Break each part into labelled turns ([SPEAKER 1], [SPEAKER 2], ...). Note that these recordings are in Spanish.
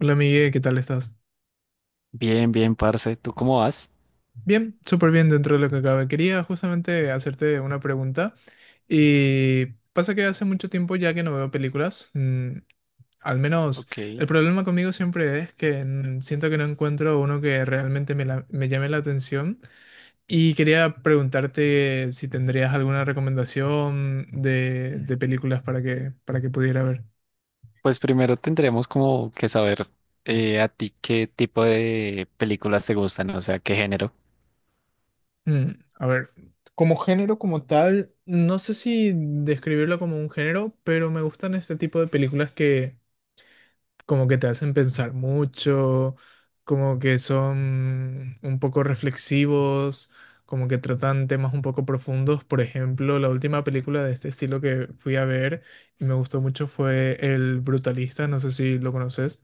[SPEAKER 1] Hola Miguel, ¿qué tal estás?
[SPEAKER 2] Bien, bien, parce. ¿Tú cómo vas?
[SPEAKER 1] Bien, súper bien dentro de lo que cabe. Quería justamente hacerte una pregunta y pasa que hace mucho tiempo ya que no veo películas. Al menos el
[SPEAKER 2] Ok.
[SPEAKER 1] problema conmigo siempre es que siento que no encuentro uno que realmente me llame la atención y quería preguntarte si tendrías alguna recomendación de películas para que pudiera ver.
[SPEAKER 2] Pues primero tendremos como que saber a ti qué tipo de películas te gustan, o sea, qué género.
[SPEAKER 1] Mm, a ver, como género como tal, no sé si describirlo como un género, pero me gustan este tipo de películas que como que te hacen pensar mucho, como que son un poco reflexivos, como que tratan temas un poco profundos. Por ejemplo, la última película de este estilo que fui a ver y me gustó mucho fue El Brutalista, no sé si lo conoces.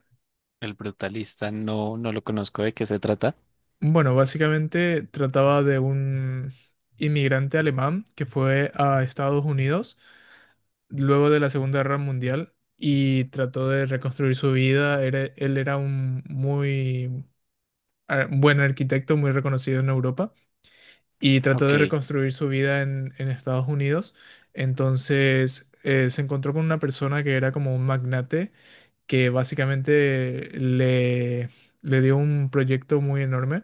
[SPEAKER 2] El brutalista no, no lo conozco de qué se trata.
[SPEAKER 1] Bueno, básicamente trataba de un inmigrante alemán que fue a Estados Unidos luego de la Segunda Guerra Mundial y trató de reconstruir su vida. Él era un muy buen arquitecto, muy reconocido en Europa, y trató de
[SPEAKER 2] Ok,
[SPEAKER 1] reconstruir su vida en Estados Unidos. Entonces, se encontró con una persona que era como un magnate, que básicamente le dio un proyecto muy enorme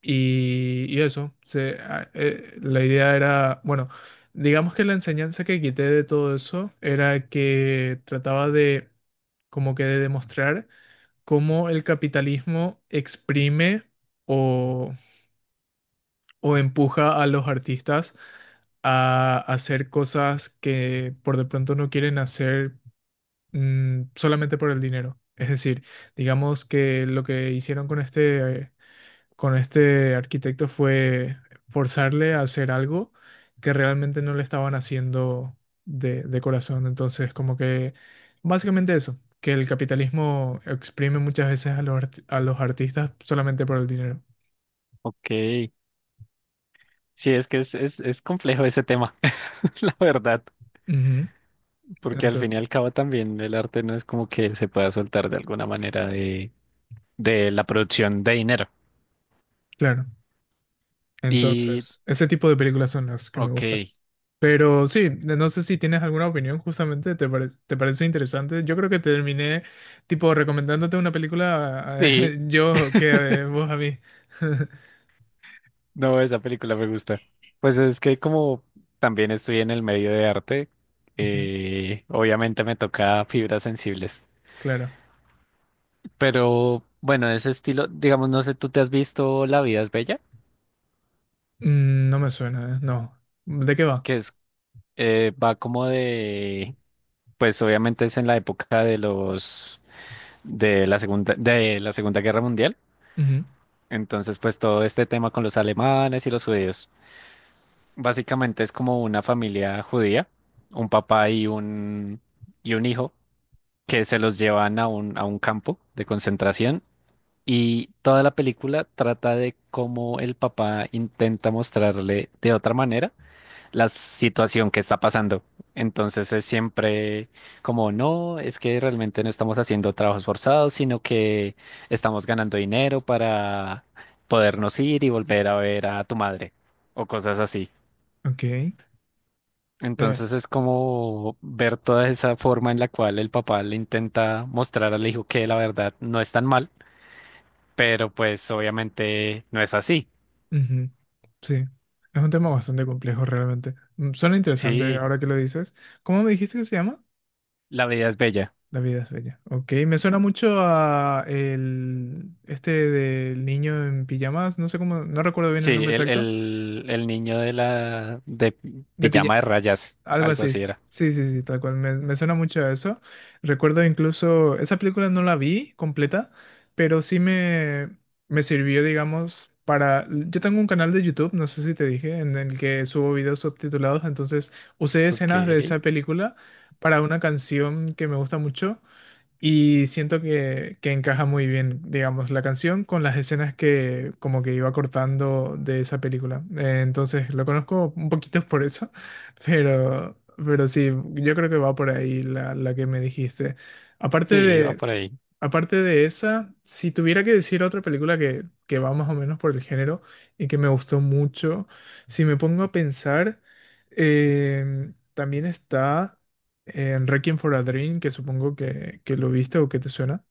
[SPEAKER 1] y eso, la idea era, bueno, digamos que la enseñanza que quité de todo eso era que trataba de, como que de demostrar cómo el capitalismo exprime o, o empuja a los artistas a hacer cosas que por de pronto no quieren hacer solamente por el dinero. Es decir, digamos que lo que hicieron con este arquitecto fue forzarle a hacer algo que realmente no le estaban haciendo de corazón. Entonces, como que básicamente eso, que el capitalismo exprime muchas veces a a los artistas solamente por el dinero.
[SPEAKER 2] ok. Sí, es que es complejo ese tema, la verdad,
[SPEAKER 1] Ujú.
[SPEAKER 2] porque al fin y
[SPEAKER 1] Entonces,
[SPEAKER 2] al cabo también el arte no es como que se pueda soltar de alguna manera de la producción de dinero.
[SPEAKER 1] claro.
[SPEAKER 2] Y,
[SPEAKER 1] Entonces, ese tipo de películas son las que me
[SPEAKER 2] ok,
[SPEAKER 1] gustan. Pero sí, no sé si tienes alguna opinión justamente, te parece interesante? Yo creo que terminé tipo recomendándote una película
[SPEAKER 2] sí,
[SPEAKER 1] yo que vos a mí.
[SPEAKER 2] no, esa película me gusta. Pues es que como también estoy en el medio de arte,
[SPEAKER 1] Ujú.
[SPEAKER 2] obviamente me toca fibras sensibles.
[SPEAKER 1] Claro.
[SPEAKER 2] Pero bueno, ese estilo, digamos, no sé, ¿tú te has visto La vida es bella?
[SPEAKER 1] Mm, no me suena, no. ¿De qué va?
[SPEAKER 2] Que es, va como de, pues obviamente es en la época de los, de la Segunda Guerra Mundial.
[SPEAKER 1] Ujú.
[SPEAKER 2] Entonces, pues todo este tema con los alemanes y los judíos. Básicamente es como una familia judía, un papá y un hijo, que se los llevan a un campo de concentración, y toda la película trata de cómo el papá intenta mostrarle de otra manera la situación que está pasando. Entonces es siempre como, no, es que realmente no estamos haciendo trabajos forzados, sino que estamos ganando dinero para podernos ir y volver a ver a tu madre o cosas así.
[SPEAKER 1] Ok.
[SPEAKER 2] Entonces es como ver toda esa forma en la cual el papá le intenta mostrar al hijo que la verdad no es tan mal, pero pues obviamente no es así.
[SPEAKER 1] Ujú. Sí. Es un tema bastante complejo realmente. Mm, suena interesante
[SPEAKER 2] Sí,
[SPEAKER 1] ahora que lo dices. ¿Cómo me dijiste que se llama?
[SPEAKER 2] la vida es bella.
[SPEAKER 1] La vida es bella. Ok, me suena mucho a el este del niño en pijamas, no sé cómo, no recuerdo bien
[SPEAKER 2] Sí,
[SPEAKER 1] el nombre
[SPEAKER 2] el,
[SPEAKER 1] exacto,
[SPEAKER 2] el, el niño de la de
[SPEAKER 1] de pilla,
[SPEAKER 2] pijama de rayas,
[SPEAKER 1] algo
[SPEAKER 2] algo
[SPEAKER 1] así.
[SPEAKER 2] así era.
[SPEAKER 1] Sí, sí, sí, tal cual. Me suena mucho a eso. Recuerdo incluso, esa película no la vi completa, pero sí me sirvió, digamos, para... Yo tengo un canal de YouTube, no sé si te dije, en el que subo videos subtitulados, entonces usé
[SPEAKER 2] Ok,
[SPEAKER 1] escenas de esa película para una canción que me gusta mucho. Y siento que encaja muy bien, digamos, la canción con las escenas que como que iba cortando de esa película. Entonces lo conozco un poquito por eso, pero sí, yo creo que va por ahí la que me dijiste. Aparte
[SPEAKER 2] sí, va
[SPEAKER 1] de,
[SPEAKER 2] por ahí.
[SPEAKER 1] aparte de esa, si tuviera que decir otra película que va más o menos por el género y que me gustó mucho, si me pongo a pensar, em, también está en Requiem for a Dream, que supongo que lo viste o que te suena,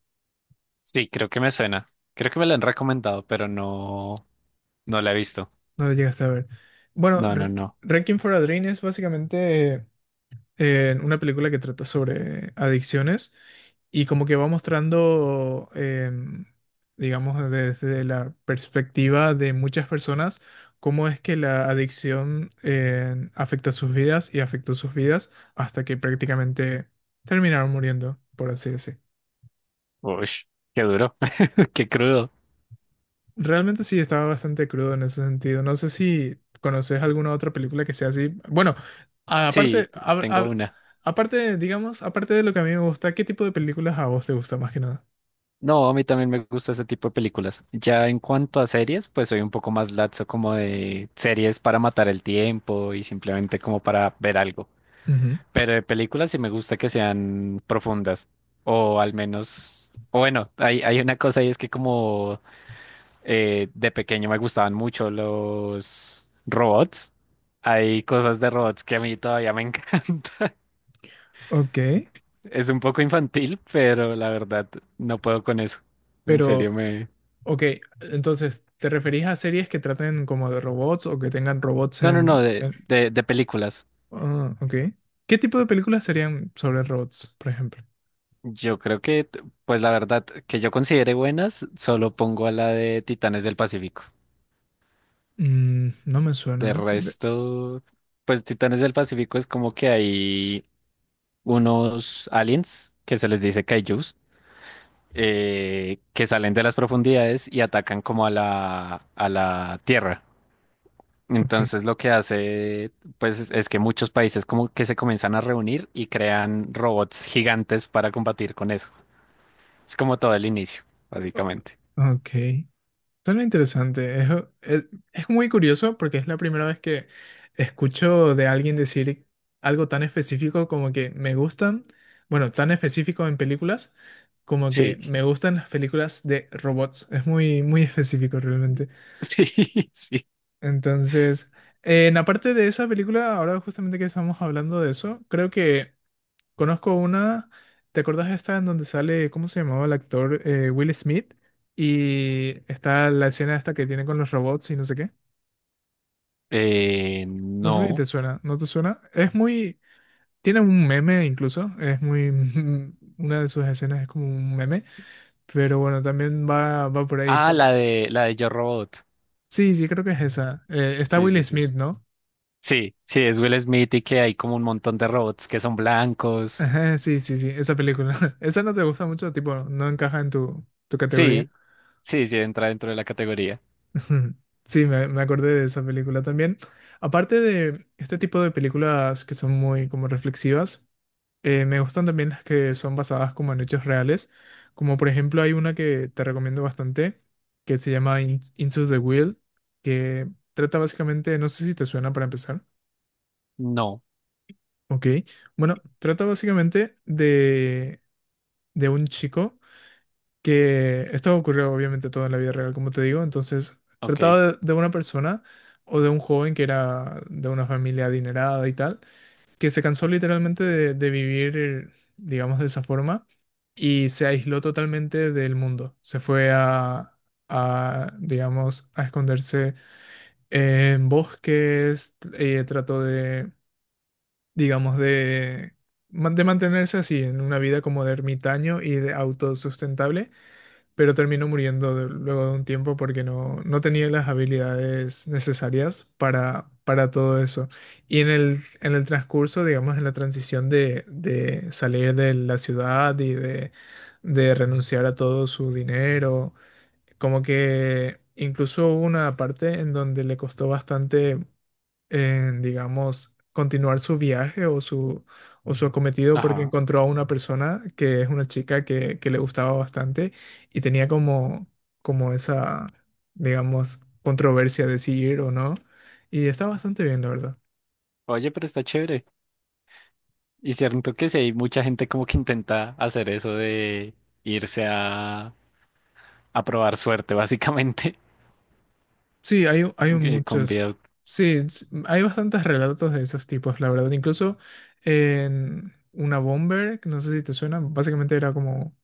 [SPEAKER 2] Sí, creo que me suena. Creo que me lo han recomendado, pero no, no la he visto.
[SPEAKER 1] no lo llegaste a ver. Bueno,
[SPEAKER 2] No, no, no.
[SPEAKER 1] Requiem for a Dream es básicamente una película que trata sobre adicciones y como que va mostrando, em, digamos, desde la perspectiva de muchas personas, cómo es que la adicción em, afecta sus vidas y afectó sus vidas hasta que prácticamente terminaron muriendo, por así decir.
[SPEAKER 2] Uy, qué duro, qué crudo.
[SPEAKER 1] Realmente sí, estaba bastante crudo en ese sentido. No sé si conoces alguna otra película que sea así. Bueno, a-
[SPEAKER 2] Sí,
[SPEAKER 1] aparte,
[SPEAKER 2] t-
[SPEAKER 1] hab-
[SPEAKER 2] tengo
[SPEAKER 1] hab-
[SPEAKER 2] una.
[SPEAKER 1] aparte, digamos, aparte de lo que a mí me gusta, ¿qué tipo de películas a vos te gusta más que nada?
[SPEAKER 2] No, a mí también me gusta ese tipo de películas. Ya en cuanto a series, pues soy un poco más laxo como de series para matar el tiempo y simplemente como para ver algo.
[SPEAKER 1] Ujú.
[SPEAKER 2] Pero de películas sí me gusta que sean profundas o al menos, o bueno, hay una cosa y es que como de pequeño me gustaban mucho los robots. Hay cosas de robots que a mí todavía me encantan.
[SPEAKER 1] Ok,
[SPEAKER 2] Es un poco infantil, pero la verdad no puedo con eso. En serio
[SPEAKER 1] pero,
[SPEAKER 2] me...
[SPEAKER 1] ok, entonces, ¿te referís a series que traten como de robots o que tengan robots
[SPEAKER 2] No, no, no,
[SPEAKER 1] en...
[SPEAKER 2] de,
[SPEAKER 1] en-
[SPEAKER 2] de, de películas.
[SPEAKER 1] Ah, ok. ¿Qué tipo de películas serían sobre robots, por ejemplo?
[SPEAKER 2] Yo creo que, t- pues la verdad, que yo considere buenas, solo pongo a la de Titanes del Pacífico.
[SPEAKER 1] Mm, no me
[SPEAKER 2] De
[SPEAKER 1] suena, ¿eh? De-
[SPEAKER 2] resto, pues Titanes del Pacífico es como que hay unos aliens que se les dice kaijus, que salen de las profundidades y atacan como a la Tierra.
[SPEAKER 1] ok.
[SPEAKER 2] Entonces lo que hace, pues, es que muchos países como que se comienzan a reunir y crean robots gigantes para combatir con eso. Es como todo el inicio, básicamente.
[SPEAKER 1] Ok. Suena interesante. Es, es muy curioso porque es la primera vez que escucho de alguien decir algo tan específico como que me gustan, bueno, tan específico en películas, como que
[SPEAKER 2] Sí,
[SPEAKER 1] me gustan las películas de robots. Es muy, muy específico realmente.
[SPEAKER 2] sí, sí.
[SPEAKER 1] Entonces, en aparte de esa película, ahora justamente que estamos hablando de eso, creo que conozco una. ¿Te acordás de esta en donde sale, ¿cómo se llamaba el actor? Will Smith. Y está la escena esta que tiene con los robots y no sé qué. No sé si te
[SPEAKER 2] No.
[SPEAKER 1] suena, ¿no te suena? Es muy... Tiene un meme incluso, es muy... Una de sus escenas es como un meme, pero bueno, también va, va por ahí,
[SPEAKER 2] Ah,
[SPEAKER 1] por...
[SPEAKER 2] la de Yo Robot.
[SPEAKER 1] Sí, sí, creo que es esa. Está
[SPEAKER 2] Sí,
[SPEAKER 1] Will
[SPEAKER 2] sí, sí.
[SPEAKER 1] Smith, ¿no?
[SPEAKER 2] Sí, sí, es Will Smith y que hay como un montón de robots que son blancos.
[SPEAKER 1] Ajá, sí, sí, sí, esa película. Esa no te gusta mucho, tipo, no encaja en tu, tu categoría.
[SPEAKER 2] Sí, sí, sí, entra dentro de la categoría.
[SPEAKER 1] Ujú. Sí, me acordé de esa película también. Aparte de este tipo de películas que son muy como reflexivas, me gustan también las que son basadas como en hechos reales. Como por ejemplo hay una que te recomiendo bastante, que se llama Into the Wild, que trata básicamente, no sé si te suena para empezar.
[SPEAKER 2] No,
[SPEAKER 1] Ok, bueno, trata básicamente de un chico. Que esto ocurrió obviamente todo en la vida real, como te digo, entonces
[SPEAKER 2] ok.
[SPEAKER 1] trataba de una persona o de un joven que era de una familia adinerada y tal, que se cansó literalmente de vivir, digamos, de esa forma y se aisló totalmente del mundo, se fue a, digamos, a esconderse en bosques, trató de, digamos, de, de mantenerse así, en una vida como de ermitaño y de autosustentable, pero terminó muriendo luego de un tiempo porque no, no tenía las habilidades necesarias para todo eso. Y en en el transcurso, digamos, en la transición de salir de la ciudad y de renunciar a todo su dinero, como que incluso hubo una parte en donde le costó bastante en, digamos, continuar su viaje o su acometido porque
[SPEAKER 2] Ajá.
[SPEAKER 1] encontró a una persona que es una chica que le gustaba bastante y tenía como, como esa, digamos, controversia de si ir o no. Y está bastante bien, la verdad.
[SPEAKER 2] Oye, pero está chévere. Y cierto que sí, hay mucha gente como que intenta hacer eso de irse a probar suerte, básicamente,
[SPEAKER 1] Sí, hay
[SPEAKER 2] con
[SPEAKER 1] muchos.
[SPEAKER 2] videos.
[SPEAKER 1] Sí, hay bastantes relatos de esos tipos, la verdad. Incluso en una bomber, que no sé si te suena, básicamente era como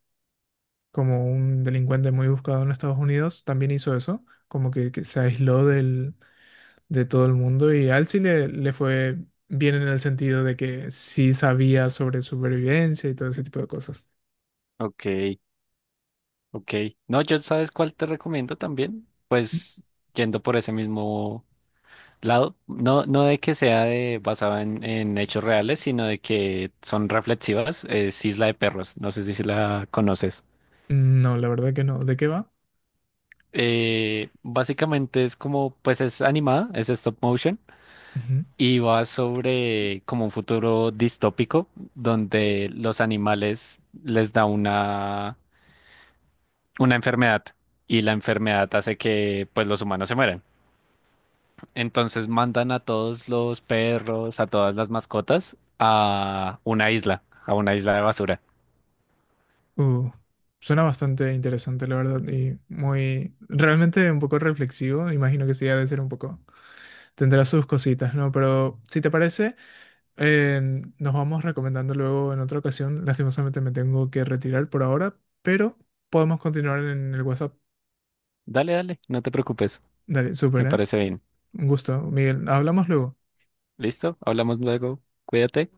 [SPEAKER 1] como un delincuente muy buscado en Estados Unidos, también hizo eso, como que se aisló del, de todo el mundo y a él sí le fue bien en el sentido de que sí sabía sobre supervivencia y todo ese tipo de cosas.
[SPEAKER 2] Ok, ok. No, yo sabes cuál te recomiendo también.
[SPEAKER 1] N-
[SPEAKER 2] Pues yendo por ese mismo lado. No, no de que sea de, basada en hechos reales, sino de que son reflexivas. Es Isla de Perros. No sé si si la conoces.
[SPEAKER 1] no, la verdad que no. ¿De qué va?
[SPEAKER 2] Básicamente es como, pues es animada, es stop motion
[SPEAKER 1] Ujú.
[SPEAKER 2] y va sobre como un futuro distópico donde los animales les da una enfermedad y la enfermedad hace que pues los humanos se mueran. Entonces mandan a todos los perros, a todas las mascotas, a una isla de basura.
[SPEAKER 1] Uh, suena bastante interesante, la verdad, y muy, realmente un poco reflexivo, imagino que sí ha de ser un poco, tendrá sus cositas, ¿no? Pero si te parece... Eh, nos vamos recomendando luego en otra ocasión. Lastimosamente me tengo que retirar por ahora, pero podemos continuar en el WhatsApp.
[SPEAKER 2] Dale, dale, no te preocupes.
[SPEAKER 1] Dale, súper,
[SPEAKER 2] Me
[SPEAKER 1] ¿eh?
[SPEAKER 2] parece bien.
[SPEAKER 1] Un gusto, Miguel. Hablamos luego.
[SPEAKER 2] ¿Listo? Hablamos luego. Cuídate.